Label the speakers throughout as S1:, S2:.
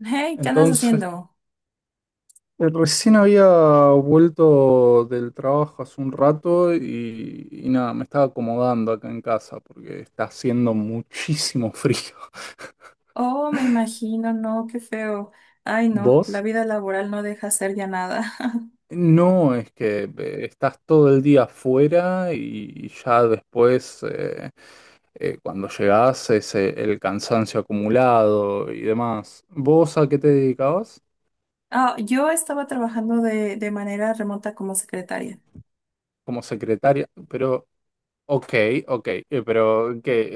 S1: Hey, ¿qué andas
S2: Entonces,
S1: haciendo?
S2: recién había vuelto del trabajo hace un rato y nada, me estaba acomodando acá en casa porque está haciendo muchísimo frío.
S1: Oh, me imagino, no, qué feo. Ay, no, la
S2: ¿Vos?
S1: vida laboral no deja hacer ya nada.
S2: No, es que estás todo el día afuera y ya después, cuando llegás, es el cansancio acumulado y demás. ¿Vos a qué te dedicabas?
S1: Ah, yo estaba trabajando de manera remota como secretaria.
S2: Como secretaria, pero ok, ok, pero que eh,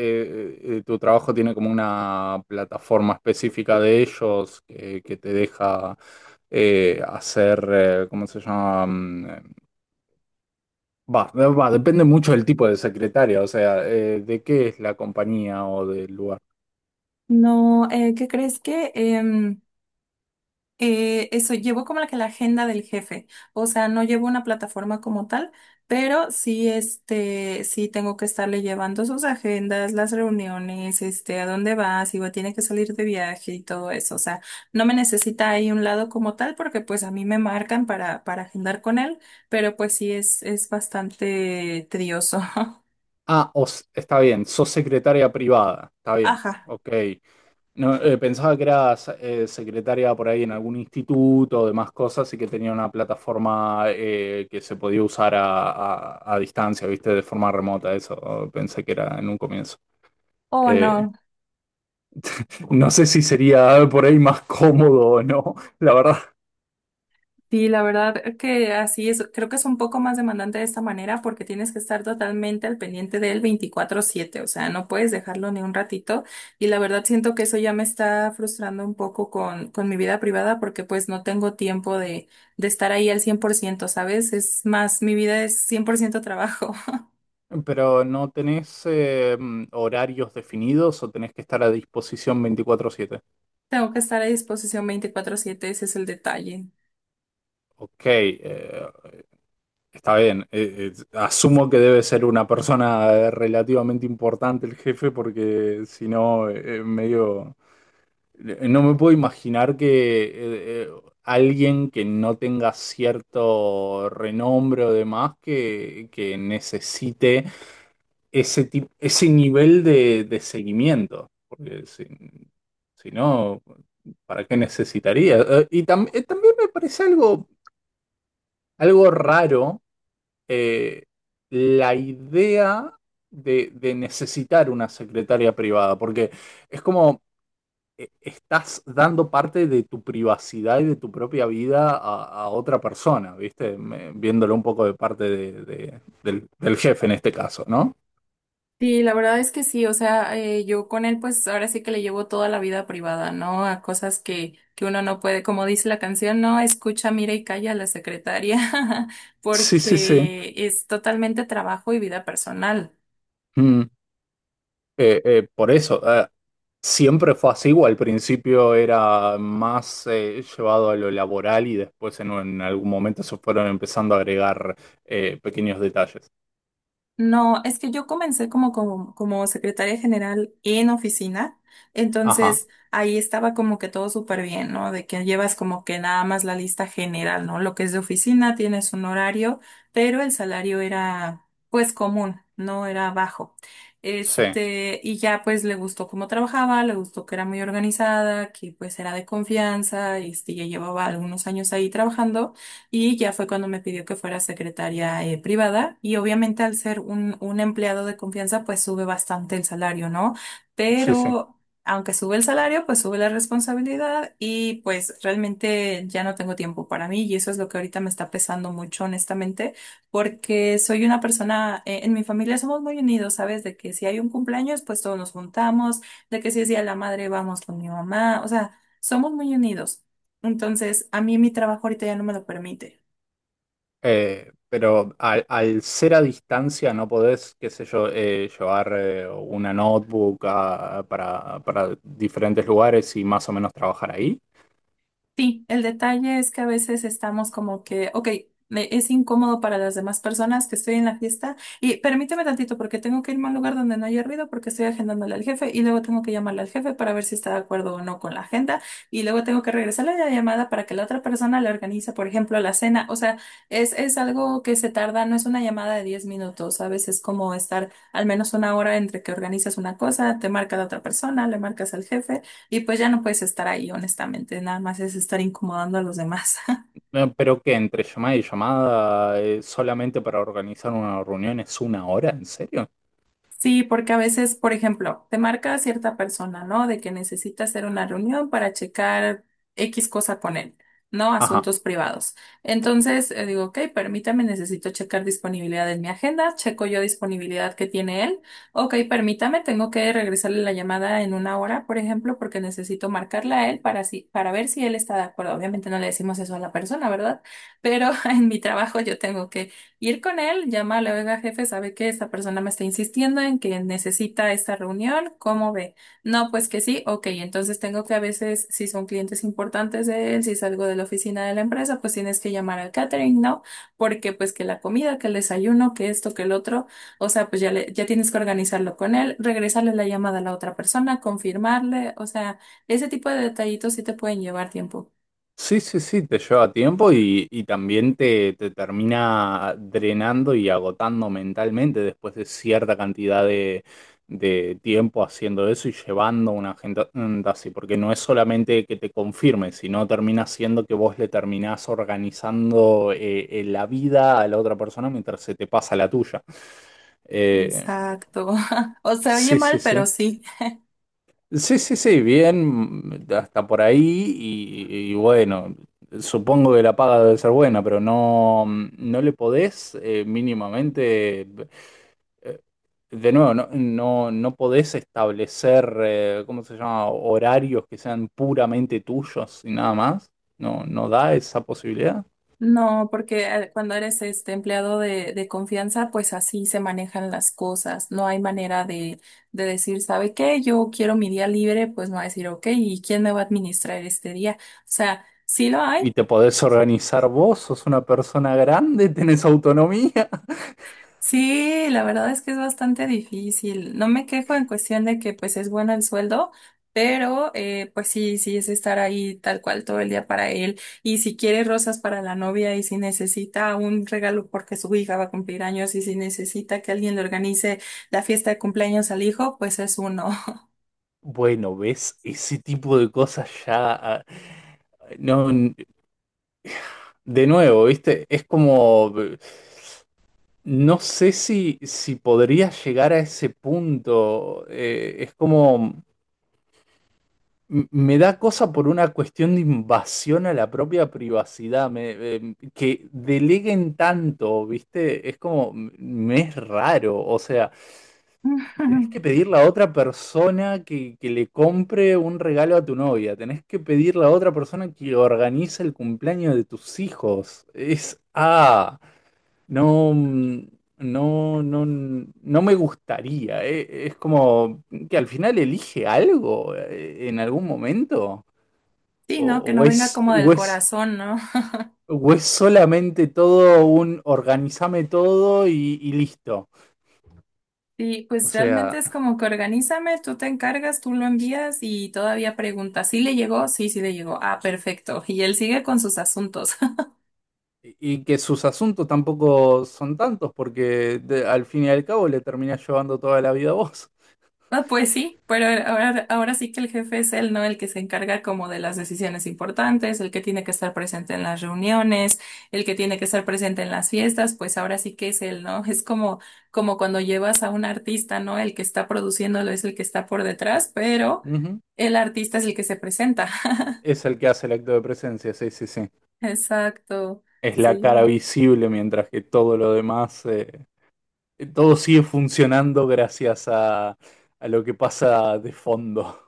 S2: eh, eh, tu trabajo tiene como una plataforma específica de ellos que te deja hacer, ¿cómo se llama? Depende mucho del tipo de secretaria, o sea, de qué es la compañía o del lugar.
S1: No, ¿qué crees que? Eso, llevo como la que la agenda del jefe, o sea, no llevo una plataforma como tal, pero sí, sí tengo que estarle llevando sus agendas, las reuniones, a dónde va, si va, tiene que salir de viaje y todo eso, o sea, no me necesita ahí un lado como tal porque pues a mí me marcan para agendar con él, pero pues sí es bastante tedioso.
S2: Ah, está bien, sos secretaria privada, está bien,
S1: Ajá.
S2: ok. No, pensaba que era secretaria por ahí en algún instituto o demás cosas y que tenía una plataforma que se podía usar a distancia, ¿viste? De forma remota, eso pensé que era en un comienzo.
S1: Oh,
S2: Eh,
S1: no.
S2: no sé si sería por ahí más cómodo o no, la verdad.
S1: Sí, la verdad que así es. Creo que es un poco más demandante de esta manera porque tienes que estar totalmente al pendiente del 24/7. O sea, no puedes dejarlo ni un ratito. Y la verdad siento que eso ya me está frustrando un poco con mi vida privada porque pues no tengo tiempo de estar ahí al 100%, ¿sabes? Es más, mi vida es 100% trabajo.
S2: Pero ¿no tenés horarios definidos o tenés que estar a disposición 24/7?
S1: Tengo que estar a disposición 24/7. Ese es el detalle.
S2: Ok, está bien, asumo que debe ser una persona relativamente importante el jefe porque si no, medio, no me puedo imaginar que alguien que no tenga cierto renombre o demás que necesite ese nivel de, seguimiento. Porque si no, ¿para qué necesitaría? Y tam- también me parece algo, algo raro, eh, la idea de, necesitar una secretaria privada, porque es como, estás dando parte de tu privacidad y de tu propia vida a otra persona, ¿viste? Viéndolo un poco de parte del del, jefe en este caso, ¿no?
S1: Sí, la verdad es que sí, o sea, yo con él pues ahora sí que le llevo toda la vida privada, ¿no? A cosas que uno no puede, como dice la canción, no escucha, mira y calla a la secretaria,
S2: Sí, sí, sí.
S1: porque es totalmente trabajo y vida personal.
S2: Por eso, siempre fue así, o al principio era más llevado a lo laboral y después en algún momento se fueron empezando a agregar pequeños detalles.
S1: No, es que yo comencé como secretaria general en oficina,
S2: Ajá,
S1: entonces ahí estaba como que todo súper bien, ¿no? De que llevas como que nada más la lista general, ¿no? Lo que es de oficina, tienes un horario, pero el salario era pues común, no era bajo.
S2: sí,
S1: Y ya pues le gustó cómo trabajaba, le gustó que era muy organizada, que pues era de confianza, ya llevaba algunos años ahí trabajando. Y ya fue cuando me pidió que fuera secretaria privada y obviamente al ser un empleado de confianza pues sube bastante el salario, ¿no?
S2: sí, sí.
S1: Pero aunque sube el salario pues sube la responsabilidad y pues realmente ya no tengo tiempo para mí y eso es lo que ahorita me está pesando mucho honestamente porque soy una persona, en mi familia somos muy unidos, ¿sabes? De que si hay un cumpleaños pues todos nos juntamos, de que si es día de la madre vamos con mi mamá, o sea, somos muy unidos. Entonces, a mí mi trabajo ahorita ya no me lo permite.
S2: Pero al ser a distancia no podés, qué sé yo, llevar una notebook para diferentes lugares y más o menos trabajar ahí.
S1: Sí, el detalle es que a veces estamos como que, ok, es incómodo para las demás personas que estoy en la fiesta y permíteme tantito porque tengo que irme a un lugar donde no haya ruido porque estoy agendándole al jefe y luego tengo que llamarle al jefe para ver si está de acuerdo o no con la agenda y luego tengo que regresarle la llamada para que la otra persona le organice, por ejemplo, la cena. O sea, es algo que se tarda, no es una llamada de 10 minutos, a veces es como estar al menos una hora entre que organizas una cosa, te marca la otra persona, le marcas al jefe. Y pues ya no puedes estar ahí, honestamente, nada más es estar incomodando a los demás.
S2: No, pero que entre llamada y llamada, solamente para organizar una reunión es una hora, ¿en serio?
S1: Sí, porque a veces, por ejemplo, te marca a cierta persona, ¿no? De que necesita hacer una reunión para checar X cosa con él, ¿no?
S2: Ajá.
S1: Asuntos privados. Entonces, digo, ok, permítame, necesito checar disponibilidad en mi agenda, checo yo disponibilidad que tiene él. Ok, permítame, tengo que regresarle la llamada en una hora, por ejemplo, porque necesito marcarla a él para, si, para ver si él está de acuerdo. Obviamente no le decimos eso a la persona, ¿verdad? Pero en mi trabajo yo tengo ir con él, llámale, oiga, jefe, sabe que esta persona me está insistiendo en que necesita esta reunión, ¿cómo ve? No, pues que sí, ok, entonces tengo que a veces, si son clientes importantes de él, si es algo de la oficina de la empresa, pues tienes que llamar al catering, ¿no? Porque pues que la comida, que el desayuno, que esto, que el otro, o sea, pues ya, ya tienes que organizarlo con él, regresarle la llamada a la otra persona, confirmarle, o sea, ese tipo de detallitos sí te pueden llevar tiempo.
S2: Sí, sí, sí, te lleva tiempo y también te termina drenando y agotando mentalmente después de cierta cantidad de, tiempo haciendo eso y llevando una agenda así, porque no es solamente que te confirme, sino termina siendo que vos le terminás organizando la vida a la otra persona mientras se te pasa la tuya. Eh,
S1: Exacto. O se oye
S2: Sí, sí,
S1: mal,
S2: sí.
S1: pero sí.
S2: Sí, sí, sí, bien, hasta por ahí, y bueno, supongo que la paga debe ser buena, pero no, no le podés, mínimamente, eh, de nuevo, no podés establecer, ¿cómo se llama?, horarios que sean puramente tuyos y nada más. No, no da esa posibilidad.
S1: No, porque cuando eres este empleado de confianza, pues así se manejan las cosas. No hay manera de decir, ¿sabe qué? Yo quiero mi día libre, pues no va a decir, ok, ¿y quién me va a administrar este día? O sea, sí lo hay.
S2: Y te podés organizar vos, sos una persona grande, tenés autonomía.
S1: Sí, la verdad es que es bastante difícil. No me quejo en cuestión de que pues es bueno el sueldo, pero pues sí, sí es estar ahí tal cual todo el día para él. Y si quiere rosas para la novia y si necesita un regalo porque su hija va a cumplir años y si necesita que alguien le organice la fiesta de cumpleaños al hijo, pues es uno.
S2: Bueno, ¿ves? Ese tipo de cosas ya. No, de nuevo, ¿viste? Es como. No sé si podría llegar a ese punto. Es como. Me da cosa por una cuestión de invasión a la propia privacidad, que deleguen tanto, ¿viste? Es como, me es raro, o sea. Tenés que pedirle a otra persona que le compre un regalo a tu novia. Tenés que pedirle a otra persona que organice el cumpleaños de tus hijos. Es, no, no me gustaría. Es como que al final elige algo, en algún momento.
S1: Sí,
S2: O,
S1: ¿no? Que
S2: o
S1: no venga
S2: es,
S1: como
S2: o
S1: del
S2: es,
S1: corazón, ¿no?
S2: o es solamente todo un organizame todo y listo.
S1: Sí,
S2: O
S1: pues realmente
S2: sea.
S1: es como que organízame, tú te encargas, tú lo envías y todavía pregunta, ¿sí le llegó? Sí, sí le llegó. Ah, perfecto. Y él sigue con sus asuntos.
S2: Y que sus asuntos tampoco son tantos, porque al fin y al cabo le terminás llevando toda la vida a vos.
S1: Ah, pues sí, pero ahora sí que el jefe es él, ¿no? El que se encarga como de las decisiones importantes, el que tiene que estar presente en las reuniones, el que tiene que estar presente en las fiestas, pues ahora sí que es él, ¿no? Es como cuando llevas a un artista, ¿no? El que está produciéndolo es el que está por detrás, pero
S2: Ujú.
S1: el artista es el que se presenta.
S2: Es el que hace el acto de presencia, sí, sí, sí.
S1: Exacto,
S2: Es la cara
S1: sí,
S2: visible mientras que todo lo demás, todo sigue funcionando gracias a lo que pasa de fondo.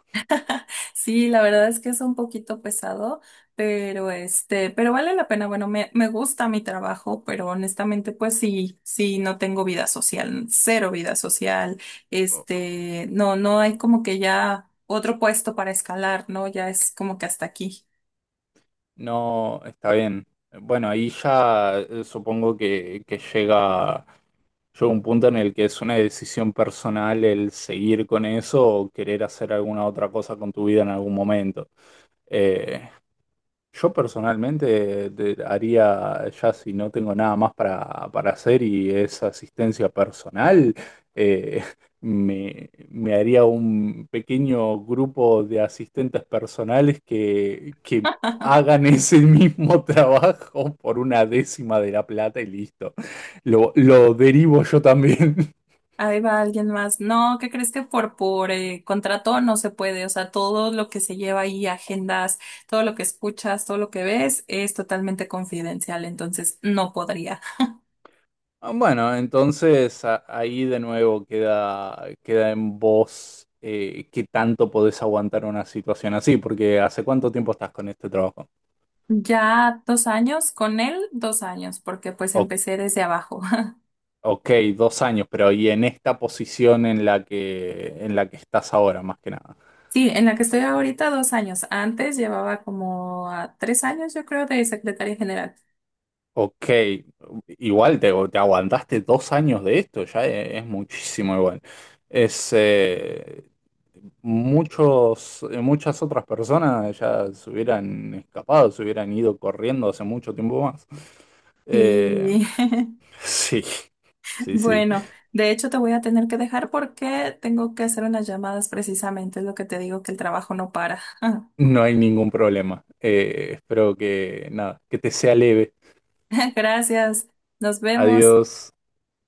S1: sí, la verdad es que es un poquito pesado, pero pero vale la pena, bueno, me gusta mi trabajo, pero honestamente, pues sí, sí, no tengo vida social, cero vida social, no, no hay como que ya otro puesto para escalar, ¿no? Ya es como que hasta aquí.
S2: No, está bien. Bueno, ahí ya, supongo que llega un punto en el que es una decisión personal el seguir con eso o querer hacer alguna otra cosa con tu vida en algún momento. Eh, yo personalmente haría, ya si no tengo nada más para hacer y es asistencia personal, eh, me haría un pequeño grupo de asistentes personales que hagan ese mismo trabajo por una décima de la plata y listo. Lo derivo yo también.
S1: Ahí va alguien más. No, ¿qué crees que por contrato no se puede? O sea, todo lo que se lleva ahí, agendas, todo lo que escuchas, todo lo que ves, es totalmente confidencial, entonces no podría.
S2: Ah, bueno, entonces ahí de nuevo queda en vos, qué tanto podés aguantar una situación así, porque ¿hace cuánto tiempo estás con este trabajo?
S1: Ya 2 años, con él 2 años, porque pues
S2: O-
S1: empecé desde abajo.
S2: ok, 2 años, pero ¿y en esta posición en la que, estás ahora, más que nada?
S1: Sí, en la que estoy ahorita 2 años. Antes llevaba como a 3 años, yo creo, de secretaria general.
S2: Ok, igual te aguantaste 2 años de esto, ya es muchísimo igual. Es, eh, Muchas otras personas ya se hubieran escapado, se hubieran ido corriendo hace mucho tiempo más. Eh,
S1: Sí.
S2: sí, sí, sí,
S1: Bueno, de hecho te voy a tener que dejar porque tengo que hacer unas llamadas precisamente, es lo que te digo, que el trabajo no para.
S2: no hay ningún problema. Espero nada, que te sea leve.
S1: Gracias, nos vemos.
S2: Adiós.